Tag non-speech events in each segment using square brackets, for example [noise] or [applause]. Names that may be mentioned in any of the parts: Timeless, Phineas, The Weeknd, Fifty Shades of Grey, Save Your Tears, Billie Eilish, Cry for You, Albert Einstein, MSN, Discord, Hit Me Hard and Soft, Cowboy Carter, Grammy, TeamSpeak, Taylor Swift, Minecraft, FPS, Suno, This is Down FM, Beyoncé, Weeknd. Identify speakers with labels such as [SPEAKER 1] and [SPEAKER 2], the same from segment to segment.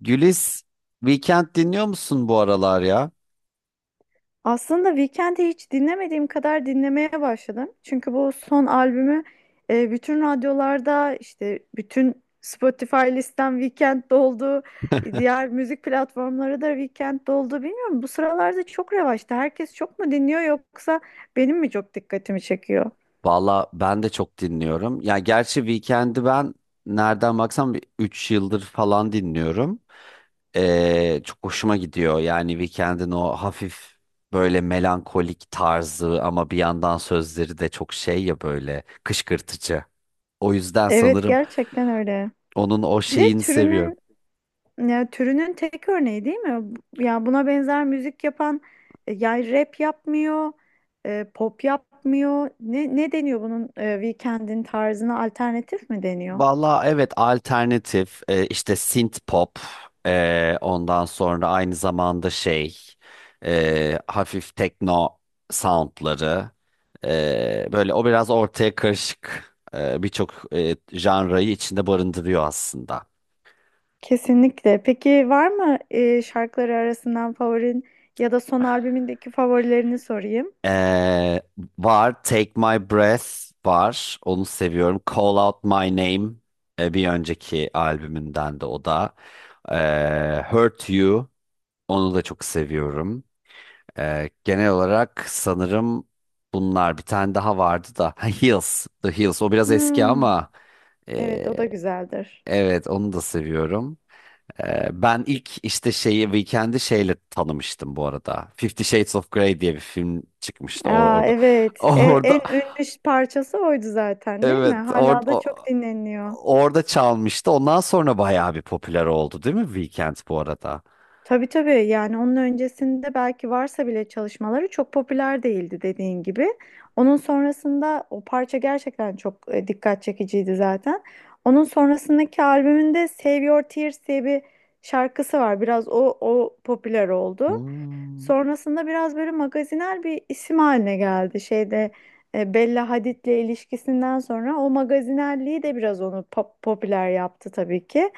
[SPEAKER 1] Gülis, Weekend dinliyor musun bu aralar ya?
[SPEAKER 2] Aslında Weekend'i hiç dinlemediğim kadar dinlemeye başladım. Çünkü bu son albümü bütün radyolarda işte bütün Spotify listem Weekend doldu. Diğer müzik platformları da Weekend doldu. Bilmiyorum bu sıralarda çok revaçta. Herkes çok mu dinliyor yoksa benim mi çok dikkatimi çekiyor?
[SPEAKER 1] Valla ben de çok dinliyorum. Ya gerçi Weekend'i ben nereden baksam 3 yıldır falan dinliyorum. Çok hoşuma gidiyor. Yani Weekend'in o hafif böyle melankolik tarzı ama bir yandan sözleri de çok şey ya böyle kışkırtıcı. O yüzden
[SPEAKER 2] Evet,
[SPEAKER 1] sanırım
[SPEAKER 2] gerçekten öyle.
[SPEAKER 1] onun o
[SPEAKER 2] Bir de
[SPEAKER 1] şeyini seviyorum.
[SPEAKER 2] türünün, ya, türünün tek örneği değil mi? Ya buna benzer müzik yapan, ya rap yapmıyor, pop yapmıyor. Ne deniyor bunun Weeknd'in tarzına alternatif mi deniyor?
[SPEAKER 1] Valla evet, alternatif, işte synth pop, ondan sonra aynı zamanda şey, hafif tekno soundları, böyle o biraz ortaya karışık, birçok janrayı içinde barındırıyor aslında.
[SPEAKER 2] Kesinlikle. Peki var mı şarkıları arasından favorin ya da son albümündeki favorilerini sorayım?
[SPEAKER 1] E, Var, Take My Breath var, onu seviyorum. Call Out My Name, bir önceki albümünden de o da. Hurt You, onu da çok seviyorum. Genel olarak sanırım bunlar, bir tane daha vardı da, ha, Heels, The Heels, o biraz eski
[SPEAKER 2] Hmm,
[SPEAKER 1] ama ee,
[SPEAKER 2] evet, o da güzeldir.
[SPEAKER 1] evet, onu da seviyorum. Ben ilk işte şeyi, Weekend'i şeyle tanımıştım bu arada. Fifty Shades of Grey diye bir film çıkmıştı,
[SPEAKER 2] Aa,
[SPEAKER 1] orada. [laughs]
[SPEAKER 2] evet. E, en
[SPEAKER 1] Orada,
[SPEAKER 2] ünlü parçası oydu zaten değil mi?
[SPEAKER 1] evet,
[SPEAKER 2] Hala da çok dinleniyor.
[SPEAKER 1] orada çalmıştı. Ondan sonra bayağı bir popüler oldu değil mi Weekend bu arada?
[SPEAKER 2] Tabii, tabii, yani onun öncesinde belki varsa bile çalışmaları çok popüler değildi dediğin gibi. Onun sonrasında o parça gerçekten çok dikkat çekiciydi zaten. Onun sonrasındaki albümünde Save Your Tears diye bir şarkısı var. Biraz o popüler oldu.
[SPEAKER 1] Hmm.
[SPEAKER 2] Sonrasında biraz böyle magazinel bir isim haline geldi. Şeyde Bella Hadid'le ilişkisinden sonra o magazinelliği de biraz onu popüler yaptı tabii ki.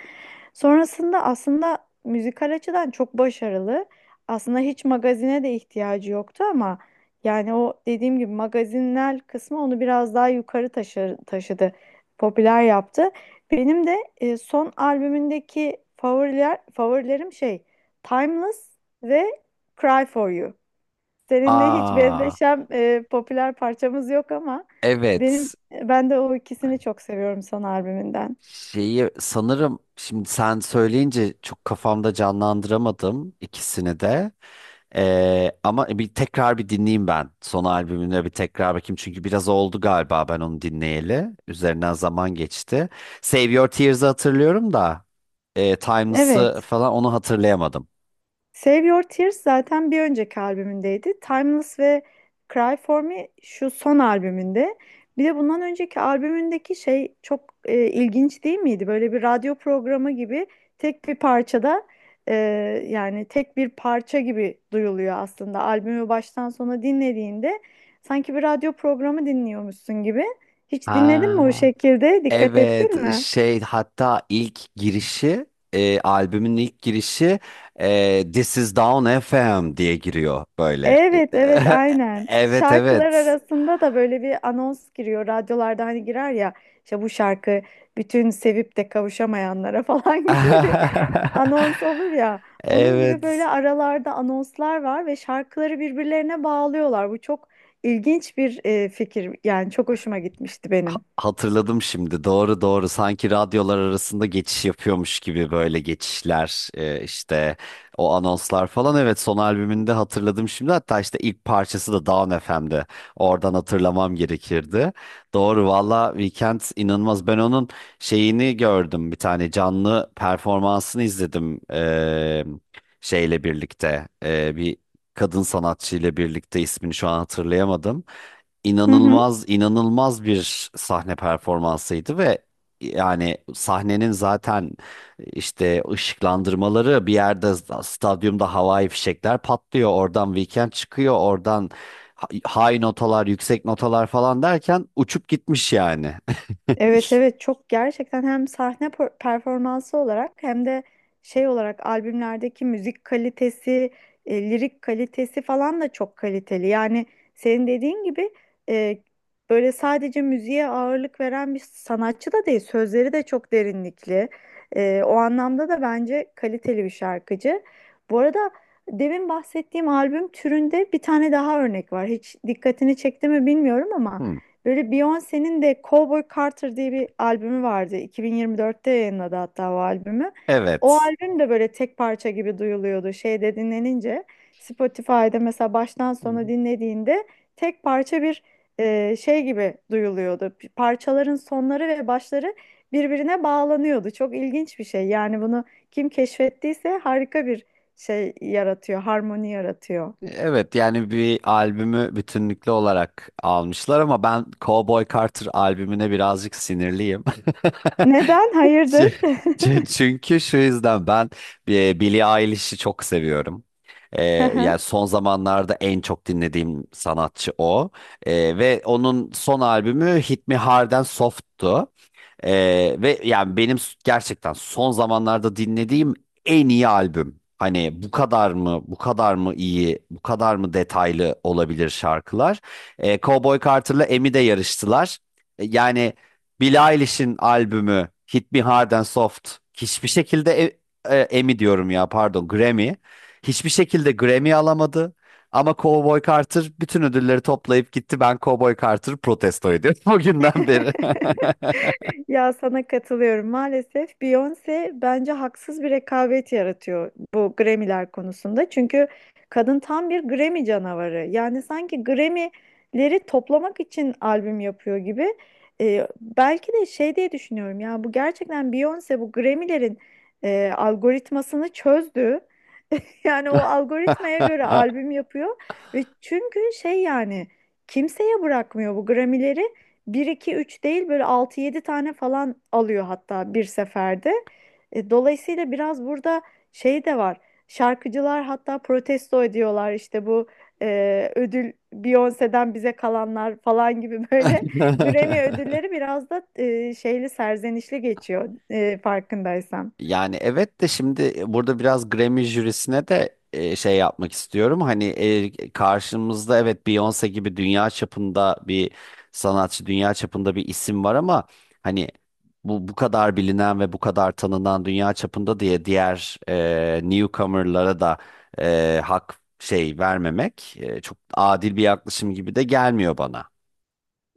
[SPEAKER 2] Sonrasında aslında müzikal açıdan çok başarılı. Aslında hiç magazine de ihtiyacı yoktu ama yani o dediğim gibi magazinel kısmı onu biraz daha yukarı taşıdı. Popüler yaptı. Benim de son albümündeki favorilerim şey Timeless ve Cry for You. Seninle hiç
[SPEAKER 1] Aa,
[SPEAKER 2] benzeşen popüler parçamız yok ama benim
[SPEAKER 1] evet.
[SPEAKER 2] ben de o ikisini çok seviyorum son albümünden.
[SPEAKER 1] Şeyi sanırım şimdi sen söyleyince çok kafamda canlandıramadım ikisini de. Ama bir tekrar bir dinleyeyim ben. Son albümüne bir tekrar bakayım. Çünkü biraz oldu galiba ben onu dinleyeli. Üzerinden zaman geçti. Save Your Tears'ı hatırlıyorum da Timeless'ı
[SPEAKER 2] Evet.
[SPEAKER 1] falan, onu hatırlayamadım.
[SPEAKER 2] Save Your Tears zaten bir önceki albümündeydi. Timeless ve Cry For Me şu son albümünde. Bir de bundan önceki albümündeki şey çok ilginç değil miydi? Böyle bir radyo programı gibi tek bir parçada, e, yani tek bir parça gibi duyuluyor aslında. Albümü baştan sona dinlediğinde sanki bir radyo programı dinliyormuşsun gibi. Hiç dinledin mi o
[SPEAKER 1] Ha,
[SPEAKER 2] şekilde? Dikkat ettin
[SPEAKER 1] evet,
[SPEAKER 2] mi?
[SPEAKER 1] şey, hatta ilk girişi, albümün ilk girişi, This is Down FM diye giriyor böyle.
[SPEAKER 2] Evet, evet,
[SPEAKER 1] [laughs]
[SPEAKER 2] aynen.
[SPEAKER 1] Evet
[SPEAKER 2] Şarkılar
[SPEAKER 1] evet.
[SPEAKER 2] arasında da böyle bir anons giriyor. Radyolarda hani girer ya, işte bu şarkı bütün sevip de kavuşamayanlara [laughs] falan gibi bir
[SPEAKER 1] [laughs]
[SPEAKER 2] anons olur ya. Onun gibi böyle
[SPEAKER 1] Evet.
[SPEAKER 2] aralarda anonslar var ve şarkıları birbirlerine bağlıyorlar. Bu çok ilginç bir fikir. Yani çok hoşuma gitmişti
[SPEAKER 1] Ha-
[SPEAKER 2] benim.
[SPEAKER 1] hatırladım şimdi. Doğru doğru. Sanki radyolar arasında geçiş yapıyormuş gibi böyle geçişler, işte o anonslar falan. Evet, son albümünde hatırladım şimdi. Hatta işte ilk parçası da Down FM'de. Oradan hatırlamam gerekirdi. Doğru valla, Weekend inanılmaz. Ben onun şeyini gördüm. Bir tane canlı performansını izledim, şeyle birlikte. E, bir kadın sanatçı ile birlikte, ismini şu an hatırlayamadım,
[SPEAKER 2] Hı hı.
[SPEAKER 1] inanılmaz inanılmaz bir sahne performansıydı ve yani sahnenin zaten işte ışıklandırmaları, bir yerde stadyumda havai fişekler patlıyor, oradan Weekend çıkıyor, oradan high notalar, yüksek notalar falan derken uçup gitmiş yani. [laughs]
[SPEAKER 2] Evet, evet, çok gerçekten hem sahne performansı olarak hem de şey olarak albümlerdeki müzik kalitesi, lirik kalitesi falan da çok kaliteli. Yani senin dediğin gibi, e, böyle sadece müziğe ağırlık veren bir sanatçı da değil, sözleri de çok derinlikli. E, o anlamda da bence kaliteli bir şarkıcı. Bu arada demin bahsettiğim albüm türünde bir tane daha örnek var. Hiç dikkatini çekti mi bilmiyorum ama.
[SPEAKER 1] Hmm.
[SPEAKER 2] Böyle Beyoncé'nin de Cowboy Carter diye bir albümü vardı. 2024'te yayınladı hatta o albümü. O
[SPEAKER 1] Evet.
[SPEAKER 2] albüm de böyle tek parça gibi duyuluyordu. Şeyde dinlenince Spotify'da mesela baştan sona dinlediğinde tek parça bir şey gibi duyuluyordu. Parçaların sonları ve başları birbirine bağlanıyordu. Çok ilginç bir şey. Yani bunu kim keşfettiyse harika bir şey yaratıyor, harmoni yaratıyor.
[SPEAKER 1] Evet, yani bir albümü bütünlüklü olarak almışlar ama ben Cowboy Carter albümüne birazcık sinirliyim.
[SPEAKER 2] Neden?
[SPEAKER 1] [laughs] Ç-
[SPEAKER 2] Hayırdır?
[SPEAKER 1] Çünkü şu yüzden, ben Billie Eilish'i çok seviyorum. E,
[SPEAKER 2] [laughs] Hı hı.
[SPEAKER 1] Yani son zamanlarda en çok dinlediğim sanatçı o. Ve onun son albümü Hit Me Hard'en Soft'tu. Ve yani benim gerçekten son zamanlarda dinlediğim en iyi albüm. Hani bu kadar mı, bu kadar mı iyi, bu kadar mı detaylı olabilir şarkılar? Cowboy Carter'la Emi de yarıştılar. Yani Billie Eilish'in albümü Hit Me Hard and Soft hiçbir şekilde Emmy diyorum ya, pardon, Grammy. Hiçbir şekilde Grammy alamadı. Ama Cowboy Carter bütün ödülleri toplayıp gitti. Ben Cowboy Carter protesto ediyorum [laughs] o günden beri.
[SPEAKER 2] [laughs] Ya, sana katılıyorum. Maalesef Beyoncé bence haksız bir rekabet yaratıyor bu Grammy'ler konusunda. Çünkü kadın tam bir Grammy canavarı. Yani sanki Grammy'leri toplamak için albüm yapıyor gibi. Belki de şey diye düşünüyorum, ya, bu gerçekten Beyoncé bu Grammy'lerin algoritmasını çözdü. [laughs] Yani o algoritmaya göre
[SPEAKER 1] [laughs] [laughs]
[SPEAKER 2] albüm yapıyor ve çünkü şey, yani kimseye bırakmıyor bu Grammy'leri. Bir 2 3 değil, böyle 6 7 tane falan alıyor hatta bir seferde. E, dolayısıyla biraz burada şey de var. Şarkıcılar hatta protesto ediyorlar işte bu ödül Beyoncé'den bize kalanlar falan gibi böyle [laughs] Grammy ödülleri biraz da şeyli, serzenişli geçiyor farkındaysan.
[SPEAKER 1] Yani evet de, şimdi burada biraz Grammy jürisine de şey yapmak istiyorum. Hani karşımızda evet Beyoncé gibi dünya çapında bir sanatçı, dünya çapında bir isim var ama hani bu bu kadar bilinen ve bu kadar tanınan dünya çapında diye diğer newcomer'lara da hak şey vermemek çok adil bir yaklaşım gibi de gelmiyor bana.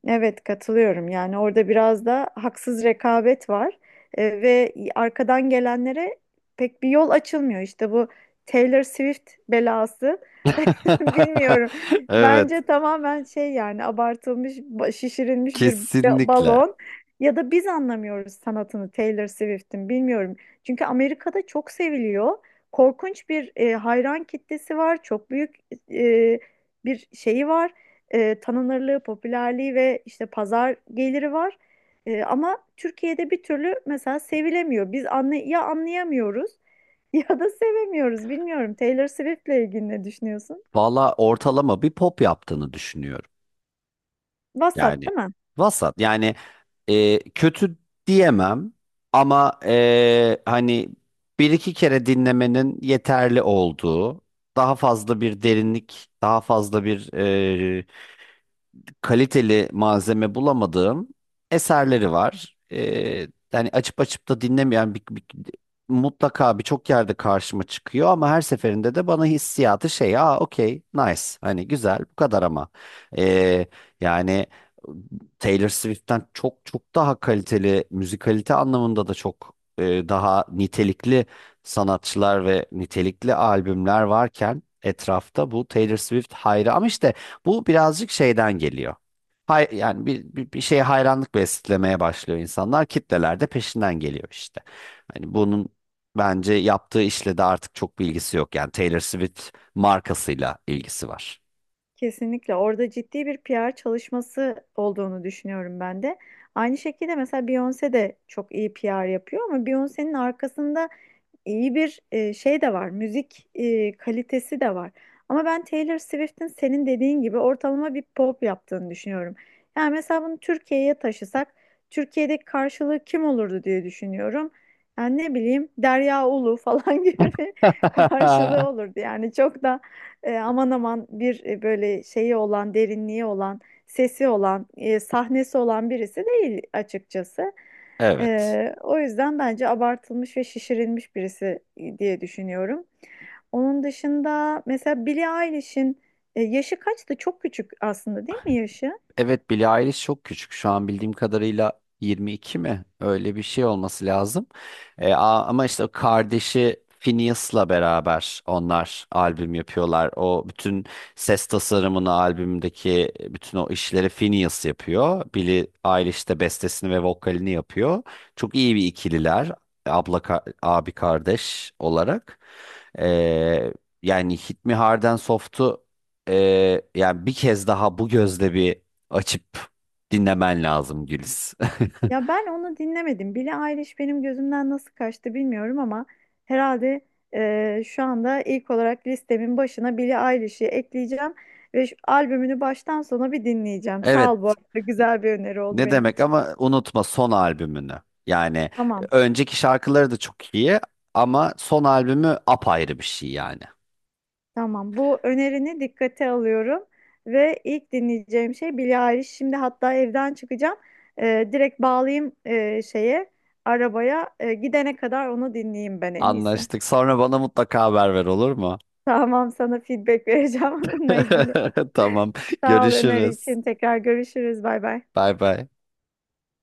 [SPEAKER 2] Evet, katılıyorum. Yani orada biraz da haksız rekabet var. E, ve arkadan gelenlere pek bir yol açılmıyor. İşte bu Taylor Swift belası. [laughs]
[SPEAKER 1] [laughs]
[SPEAKER 2] Bilmiyorum.
[SPEAKER 1] Evet,
[SPEAKER 2] Bence tamamen şey, yani abartılmış, şişirilmiş bir
[SPEAKER 1] kesinlikle.
[SPEAKER 2] balon, ya da biz anlamıyoruz sanatını Taylor Swift'in, bilmiyorum. Çünkü Amerika'da çok seviliyor. Korkunç bir hayran kitlesi var. Çok büyük e, bir şeyi var. E, tanınırlığı, popülerliği ve işte pazar geliri var. E, ama Türkiye'de bir türlü mesela sevilemiyor. Biz anlayamıyoruz [laughs] ya da sevemiyoruz. Bilmiyorum, Taylor Swift'le ilgili ne düşünüyorsun?
[SPEAKER 1] Valla ortalama bir pop yaptığını düşünüyorum.
[SPEAKER 2] Vasat
[SPEAKER 1] Yani
[SPEAKER 2] değil mi?
[SPEAKER 1] vasat. Yani kötü diyemem ama hani bir iki kere dinlemenin yeterli olduğu, daha fazla bir derinlik, daha fazla bir kaliteli malzeme bulamadığım eserleri var. Yani açıp açıp da dinlemeyen bir, mutlaka birçok yerde karşıma çıkıyor ama her seferinde de bana hissiyatı şey, aa, okey, nice, hani güzel, bu kadar ama Ee, yani Taylor Swift'ten çok çok daha kaliteli, müzikalite anlamında da çok daha nitelikli sanatçılar ve nitelikli albümler varken etrafta, bu Taylor Swift hayra ama işte bu birazcık şeyden geliyor. Hay, yani bir şeye hayranlık beslemeye başlıyor insanlar. Kitleler de peşinden geliyor işte. Hani bunun bence yaptığı işle de artık çok bir ilgisi yok. Yani Taylor Swift markasıyla ilgisi var.
[SPEAKER 2] Kesinlikle orada ciddi bir P. R. çalışması olduğunu düşünüyorum ben de. Aynı şekilde mesela Beyoncé de çok iyi P. R. yapıyor, ama Beyoncé'nin arkasında iyi bir şey de var. Müzik kalitesi de var. Ama ben Taylor Swift'in senin dediğin gibi ortalama bir pop yaptığını düşünüyorum. Yani mesela bunu Türkiye'ye taşısak Türkiye'deki karşılığı kim olurdu diye düşünüyorum. Yani ne bileyim, Derya Ulu falan [laughs] gibi bir karşılığı
[SPEAKER 1] [laughs]
[SPEAKER 2] olurdu. Yani çok da aman aman bir, böyle şeyi olan, derinliği olan, sesi olan, sahnesi olan birisi değil açıkçası.
[SPEAKER 1] Evet.
[SPEAKER 2] E, o yüzden bence abartılmış ve şişirilmiş birisi diye düşünüyorum. Onun dışında mesela Billie Eilish'in yaşı kaçtı? Çok küçük aslında değil mi yaşı?
[SPEAKER 1] Evet, Billie Eilish çok küçük. Şu an bildiğim kadarıyla 22 mi? Öyle bir şey olması lazım. E, ama işte o kardeşi Phineas'la beraber onlar albüm yapıyorlar. O bütün ses tasarımını, albümdeki bütün o işleri Phineas yapıyor. Billie Eilish de bestesini ve vokalini yapıyor. Çok iyi bir ikililer. Abi kardeş olarak. E, Yani Hit Me Hard and Soft'u, yani bir kez daha bu gözle bir açıp dinlemen lazım Güliz. [laughs]
[SPEAKER 2] Ya, ben onu dinlemedim. Billie Eilish benim gözümden nasıl kaçtı bilmiyorum ama herhalde, şu anda ilk olarak listemin başına Billie Eilish'i ekleyeceğim ve şu albümünü baştan sona bir dinleyeceğim. Sağ ol, bu
[SPEAKER 1] Evet.
[SPEAKER 2] arada güzel bir öneri oldu
[SPEAKER 1] Ne
[SPEAKER 2] benim
[SPEAKER 1] demek,
[SPEAKER 2] için.
[SPEAKER 1] ama unutma son albümünü. Yani
[SPEAKER 2] Tamam,
[SPEAKER 1] önceki şarkıları da çok iyi ama son albümü apayrı bir şey yani.
[SPEAKER 2] tamam. Bu önerini dikkate alıyorum ve ilk dinleyeceğim şey Billie Eilish. Şimdi hatta evden çıkacağım. E, direkt bağlayayım şeye, arabaya. E, gidene kadar onu dinleyeyim ben en iyisi.
[SPEAKER 1] Anlaştık. Sonra bana mutlaka haber ver, olur mu?
[SPEAKER 2] Tamam, sana feedback vereceğim [laughs] onunla ilgili.
[SPEAKER 1] [laughs] Tamam.
[SPEAKER 2] Sağ ol öneri
[SPEAKER 1] Görüşürüz.
[SPEAKER 2] için. Tekrar görüşürüz. Bay bay.
[SPEAKER 1] Bay bay.